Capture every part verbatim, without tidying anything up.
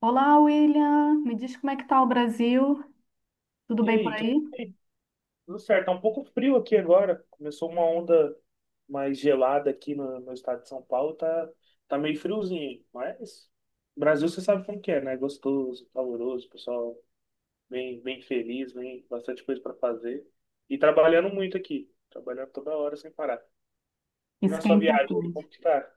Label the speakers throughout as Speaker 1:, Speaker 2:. Speaker 1: Olá, William. Me diz como é que tá o Brasil? Tudo
Speaker 2: E
Speaker 1: bem por
Speaker 2: aí, tudo
Speaker 1: aí?
Speaker 2: bem? Tudo certo. Tá um pouco frio aqui agora. Começou uma onda mais gelada aqui no, no estado de São Paulo. Tá, tá meio friozinho, mas Brasil você sabe como que é, né? Gostoso, caloroso, pessoal bem, bem feliz, bem bastante coisa para fazer. E trabalhando muito aqui. Trabalhando toda hora sem parar. E na
Speaker 1: Isso que é
Speaker 2: sua viagem, aí,
Speaker 1: importante.
Speaker 2: como que tá?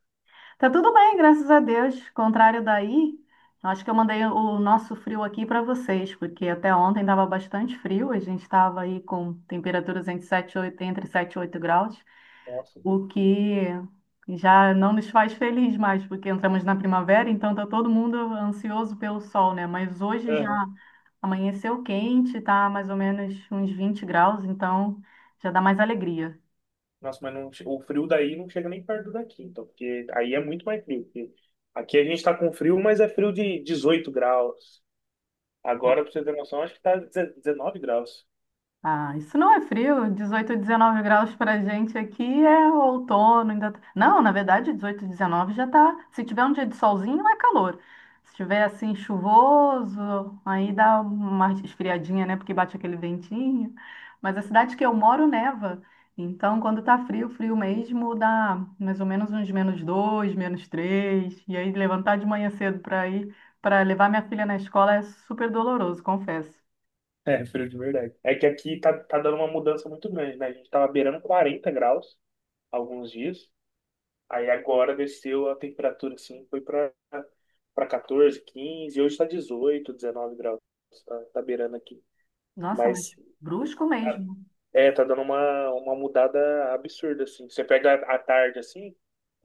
Speaker 1: Tá tudo bem, graças a Deus. Contrário daí, acho que eu mandei o nosso frio aqui para vocês, porque até ontem estava bastante frio. A gente estava aí com temperaturas entre sete, e oito, entre sete, e oito graus.
Speaker 2: Nossa.
Speaker 1: o que já não nos faz feliz mais, porque entramos na primavera, então tá todo mundo ansioso pelo sol, né? Mas hoje já
Speaker 2: Aham.
Speaker 1: amanheceu quente, tá mais ou menos uns vinte graus, então já dá mais alegria.
Speaker 2: Nossa, mas não, che- o frio daí não chega nem perto daqui, então, porque aí é muito mais frio, porque aqui a gente tá com frio, mas é frio de dezoito graus. Agora, pra você ter noção, acho que tá dezenove graus.
Speaker 1: Ah, isso não é frio. Dezoito, dezenove graus pra gente aqui é outono, ainda. tá- Não, na verdade, dezoito, dezenove já tá. Se tiver um dia de solzinho, é calor. Se tiver assim chuvoso, aí dá uma esfriadinha, né? Porque bate aquele ventinho. Mas a cidade que eu moro neva. Então, quando tá frio, frio mesmo, dá mais ou menos uns menos dois, menos três. E aí levantar de manhã cedo pra ir, para levar minha filha na escola é super doloroso, confesso.
Speaker 2: É, frio de verdade. É que aqui tá, tá dando uma mudança muito grande, né? A gente tava beirando quarenta graus alguns dias. Aí agora desceu a temperatura, assim, foi pra, pra catorze, quinze. Hoje tá dezoito dezenove graus. Tá, tá beirando aqui.
Speaker 1: Nossa, mas
Speaker 2: Mas
Speaker 1: brusco
Speaker 2: tá,
Speaker 1: mesmo.
Speaker 2: É, tá dando uma, uma mudada absurda, assim. Você pega a a tarde, assim,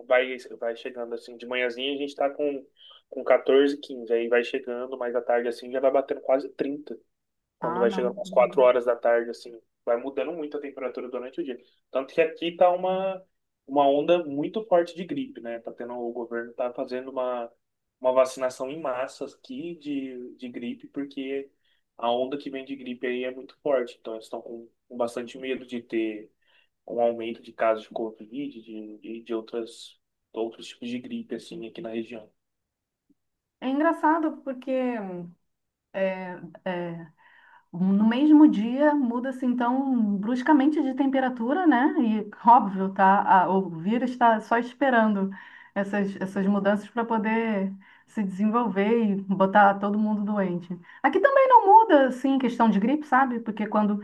Speaker 2: vai, vai chegando, assim, de manhãzinha a gente tá com, com catorze quinze aí vai chegando, mas à tarde, assim, já vai batendo quase trinta quando
Speaker 1: Ah,
Speaker 2: vai
Speaker 1: não.
Speaker 2: chegando umas quatro horas da tarde, assim, vai mudando muito a temperatura durante o dia. Tanto que aqui tá uma, uma onda muito forte de gripe, né? Tá tendo, o governo tá fazendo uma, uma vacinação em massa aqui de, de gripe, porque a onda que vem de gripe aí é muito forte. Então, eles estão com, com bastante medo de ter um aumento de casos de Covid, de, de, de outras, outros tipos de gripe, assim, aqui na região.
Speaker 1: É engraçado porque é, é, no mesmo dia muda-se então bruscamente de temperatura, né? E óbvio, tá, a- o vírus está só esperando essas, essas mudanças para poder se desenvolver e botar todo mundo doente. Aqui também não muda, assim, questão de gripe, sabe? Porque quando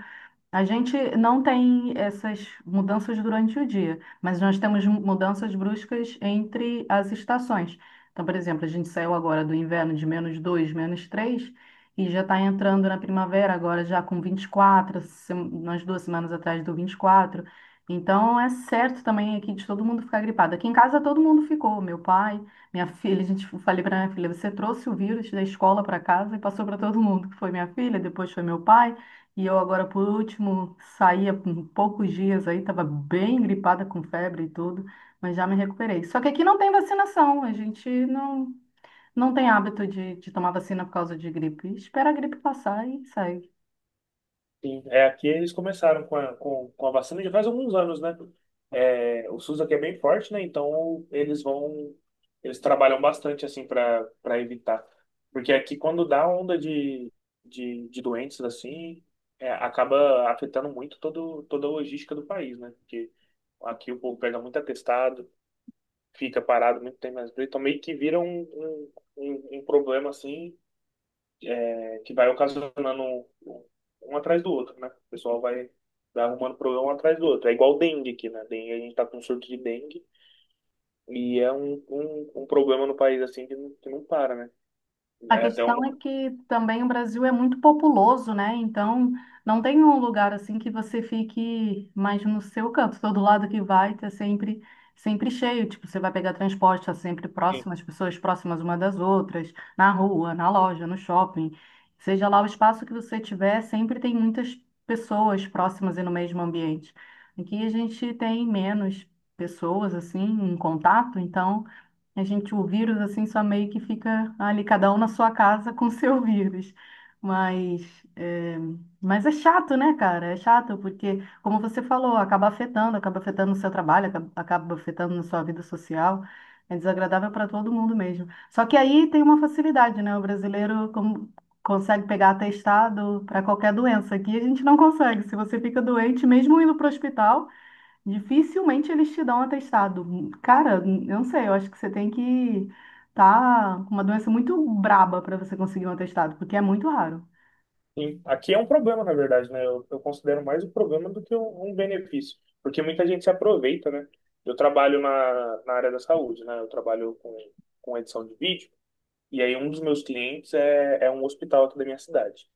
Speaker 1: A gente não tem essas mudanças durante o dia, mas nós temos mudanças bruscas entre as estações. Então, por exemplo, a gente saiu agora do inverno de menos dois, menos três e já está entrando na primavera agora já com vinte e quatro, se- umas duas semanas atrás do vinte e quatro. Então, é certo também aqui de todo mundo ficar gripado. Aqui em casa todo mundo ficou, meu pai, minha filha, a gente eu falei para minha filha, você trouxe o vírus da escola para casa e passou para todo mundo, que foi minha filha, depois foi meu pai. E eu agora, por último, saí há pou- poucos dias aí, estava bem gripada com febre e tudo, mas já me recuperei. Só que aqui não tem vacinação, a gente não, não tem hábito de, de tomar vacina por causa de gripe. Espera a gripe passar e sai.
Speaker 2: Sim, é, aqui eles começaram com a, com, com a vacina já faz alguns anos, né? É, o SUS aqui é bem forte, né? Então eles vão, eles trabalham bastante assim para para evitar. Porque aqui quando dá onda de, de, de doenças assim, é, acaba afetando muito todo, toda a logística do país, né? Porque aqui o povo pega muito atestado, fica parado muito tempo, mas então meio que vira um, um, um um problema assim que vai ocasionando um, um um atrás do outro, né? O pessoal vai, vai arrumando problema um atrás do outro. É igual dengue aqui, né? Dengue, a gente tá com surto de dengue e é um, um, um problema no país assim que não, que não para, né?
Speaker 1: A
Speaker 2: É até
Speaker 1: questão
Speaker 2: um,
Speaker 1: é que também o Brasil é muito populoso, né? Então, não tem um lugar assim que você fique mais no seu canto. Todo lado que vai, tá sempre, sempre cheio. Tipo, você vai pegar transporte, tá sempre
Speaker 2: e-
Speaker 1: próximo, as pessoas próximas uma das outras, na rua, na loja, no shopping. Seja lá o espaço que você tiver, sempre tem muitas pessoas próximas e no mesmo ambiente. Aqui a gente tem menos pessoas assim em contato, então a gente, o vírus, assim, só meio que fica ali, cada um na sua casa com o seu vírus. Mas é, mas é chato, né, cara? É chato, porque, como você falou, acaba afetando, acaba afetando o seu trabalho, acaba, acaba afetando na sua vida social. É desagradável para todo mundo mesmo. Só que aí tem uma facilidade, né? O brasileiro com- consegue pegar atestado para qualquer doença. Aqui a gente não consegue. Se você fica doente, mesmo indo para o hospital. Dificilmente eles te dão um atestado. Cara, eu não sei, eu acho que você tem que tá com uma doença muito braba para você conseguir um atestado, porque é muito raro.
Speaker 2: e aqui é um problema, na verdade, né? Eu, eu considero mais um problema do que um, um benefício, porque muita gente se aproveita, né? Eu trabalho na, na área da saúde, né? Eu trabalho com, com edição de vídeo. E aí, um dos meus clientes é, é um hospital aqui da minha cidade.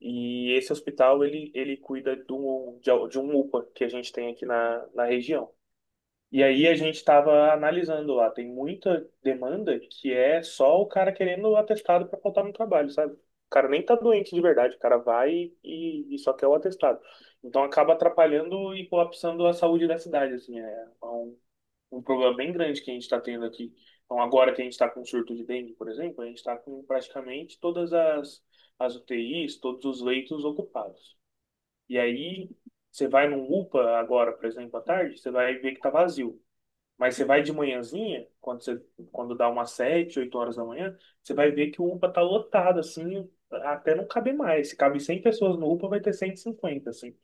Speaker 2: E esse hospital, ele, ele cuida do, de, de um UPA que a gente tem aqui na, na região. E aí a gente estava analisando lá, tem muita demanda que é só o cara querendo o atestado para faltar no trabalho, sabe? O cara nem tá doente de verdade, o cara vai e, e só quer o atestado. Então acaba atrapalhando e colapsando a saúde da cidade, assim, é um um problema bem grande que a gente está tendo aqui. Então, agora que a gente está com surto de dengue, por exemplo, a gente está com praticamente todas as, as utis, todos os leitos ocupados. E aí, você vai num UPA agora, por exemplo, à tarde, você vai ver que está vazio. Mas você vai de manhãzinha, quando você, quando dá umas sete, oito horas da manhã, você vai ver que o UPA tá lotado, assim, até não caber mais. Se cabe cem pessoas no UPA, vai ter cento e cinquenta assim.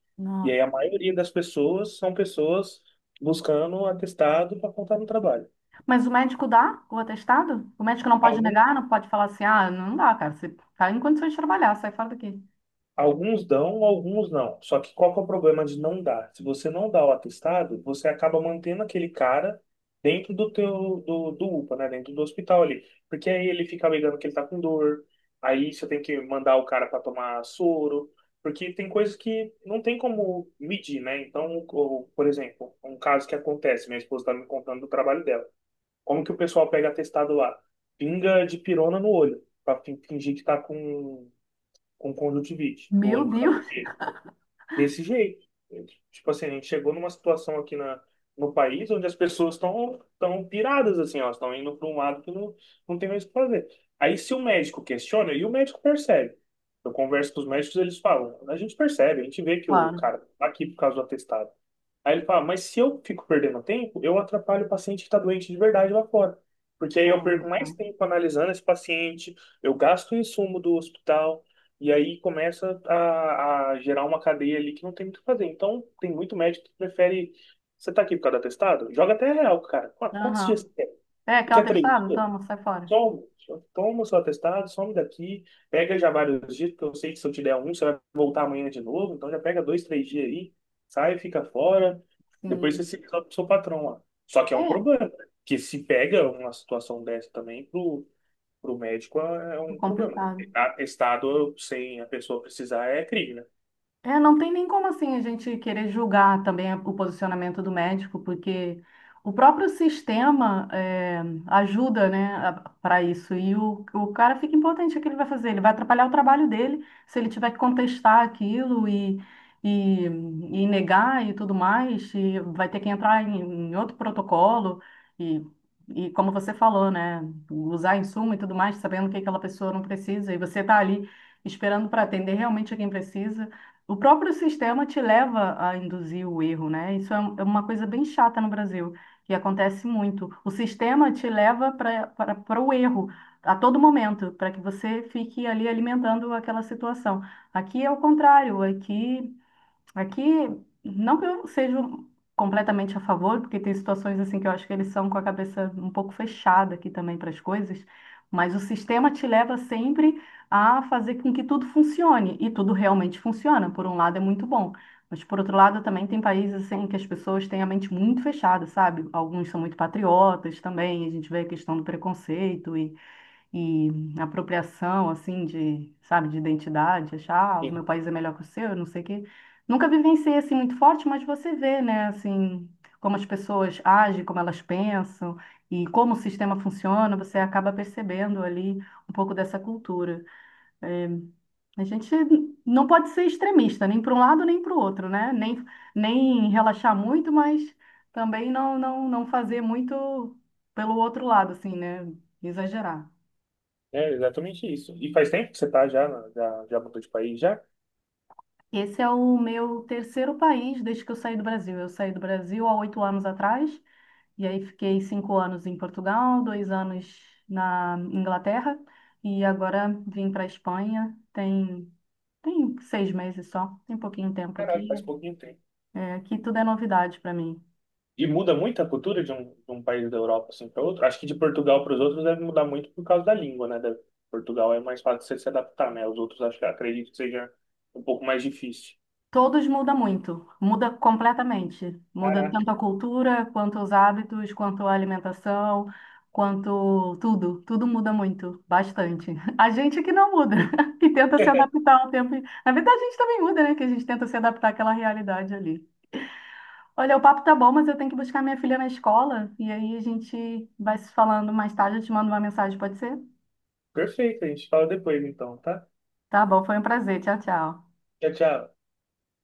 Speaker 2: E
Speaker 1: Nossa.
Speaker 2: aí a maioria das pessoas são pessoas buscando atestado para contar no trabalho.
Speaker 1: Mas o médico dá o atestado? O médico não pode
Speaker 2: Algum,
Speaker 1: negar, não pode falar assim, ah, não dá, cara, você tá em condições de trabalhar, sai fora daqui.
Speaker 2: Alguns dão, alguns não. Só que qual que é o problema de não dar? Se você não dá o atestado, você acaba mantendo aquele cara dentro do teu do, do UPA, né? Dentro do hospital ali. Porque aí ele fica alegando que ele tá com dor. Aí você tem que mandar o cara para tomar soro, porque tem coisas que não tem como medir, né? Então, o- por exemplo, um caso que acontece, minha esposa tá me contando do trabalho dela. Como que o pessoal pega atestado lá? Pinga de pirona no olho, para fingir que tá com com conjuntivite, o
Speaker 1: Meu
Speaker 2: olho ficava
Speaker 1: Deus,
Speaker 2: vermelho. Desse jeito. Tipo assim, a gente chegou numa situação aqui na, no país onde as pessoas estão tão piradas, assim, elas estão indo para um lado que não, não tem mais o que fazer. Aí se o médico questiona, e o médico percebe. Eu converso com os médicos, eles falam, a gente percebe, a gente vê que o
Speaker 1: claro.
Speaker 2: cara tá aqui por causa do atestado. Aí ele fala, mas se eu fico perdendo tempo, eu atrapalho o paciente que está doente de verdade lá fora. Porque aí
Speaker 1: É,
Speaker 2: eu perco
Speaker 1: tá.
Speaker 2: mais tempo analisando esse paciente, eu gasto o insumo do hospital, e aí começa a, a gerar uma cadeia ali que não tem muito o que fazer. Então, tem muito médico que prefere. Você tá aqui por causa do atestado? Joga até real, cara. Qu- Quantos dias
Speaker 1: Aham.
Speaker 2: você quer?
Speaker 1: É,
Speaker 2: Você
Speaker 1: quer um
Speaker 2: quer três
Speaker 1: atestado?
Speaker 2: dias?
Speaker 1: Toma, sai fora.
Speaker 2: Toma, toma o seu atestado, some daqui, pega já vários dias, porque eu sei que se eu te der um, você vai voltar amanhã de novo. Então, já pega dois, três dias aí, sai, fica fora. Depois você
Speaker 1: Sim.
Speaker 2: se resolve com o seu patrão lá. Só que é um
Speaker 1: É,
Speaker 2: problema, né? Que se pega uma situação dessa também pro para o médico é é
Speaker 1: é
Speaker 2: um problema, né?
Speaker 1: complicado.
Speaker 2: Atestado sem a pessoa precisar é crime, né?
Speaker 1: É, não tem nem como assim a gente querer julgar também o posicionamento do médico, porque o próprio sistema é, ajuda, né, para isso. E o, o cara fica impotente, o que ele vai fazer? Ele vai atrapalhar o trabalho dele se ele tiver que contestar aquilo e, e, e negar e tudo mais, e vai ter que entrar em, em outro protocolo e, e como você falou, né, usar insumo e tudo mais, sabendo que aquela pessoa não precisa, e você está ali esperando para atender realmente a quem precisa. O próprio sistema te leva a induzir o erro, né? Isso é um- é uma coisa bem chata no Brasil, que acontece muito. O sistema te leva para o erro a todo momento, para que você fique ali alimentando aquela situação. Aqui é o contrário, aqui Aqui, não que eu seja completamente a favor, porque tem situações assim que eu acho que eles são com a cabeça um pouco fechada aqui também para as coisas, mas o sistema te leva sempre a fazer com que tudo funcione, e tudo realmente funciona. Por um lado é muito bom, mas por outro lado também tem países assim que as pessoas têm a mente muito fechada, sabe? Alguns são muito patriotas também, a gente vê a questão do preconceito e e apropriação, assim, de, sabe, de identidade, achar, ah, o meu
Speaker 2: Sim.
Speaker 1: país é melhor que o seu, não sei o quê. Nunca vivenciei, assim, muito forte, mas você vê, né, assim, como as pessoas agem, como elas pensam e como o sistema funciona, você acaba percebendo ali um pouco dessa cultura. É, a gente não pode ser extremista, nem para um lado, nem para o outro, né? Nem, nem relaxar muito, mas também não, não, não fazer muito pelo outro lado, assim, né? Exagerar.
Speaker 2: É exatamente isso. E faz tempo que você tá já, na- já, já mudou de país já?
Speaker 1: Esse é o meu terceiro país desde que eu saí do Brasil. Eu saí do Brasil há oito anos atrás, e aí fiquei cinco anos em Portugal, dois anos na Inglaterra, e agora vim para a Espanha. Tem, tem seis meses só, tem pouquinho tempo
Speaker 2: Caralho,
Speaker 1: aqui.
Speaker 2: faz pouquinho tempo.
Speaker 1: É, aqui tudo é novidade para mim.
Speaker 2: E muda muito a cultura de um, de um país da Europa assim para outro? Acho que de Portugal para os outros deve mudar muito por causa da língua, né? Da- Portugal é mais fácil você se adaptar, né? Os outros acho que acredito que seja um pouco mais difícil.
Speaker 1: Todos mudam muito, muda completamente. Muda
Speaker 2: Caraca.
Speaker 1: tanto a cultura, quanto os hábitos, quanto a alimentação, quanto tudo. Tudo muda muito, bastante. A gente que não muda, que tenta se adaptar ao tempo. Na verdade, a gente também muda, né? Que a gente tenta se adaptar àquela realidade ali. Olha, o papo tá bom, mas eu tenho que buscar minha filha na escola. E aí a gente vai se falando mais tarde. Eu te mando uma mensagem, pode ser?
Speaker 2: Perfeito, a gente fala depois então, tá?
Speaker 1: Tá bom, foi um prazer. Tchau, tchau.
Speaker 2: Tchau, tchau.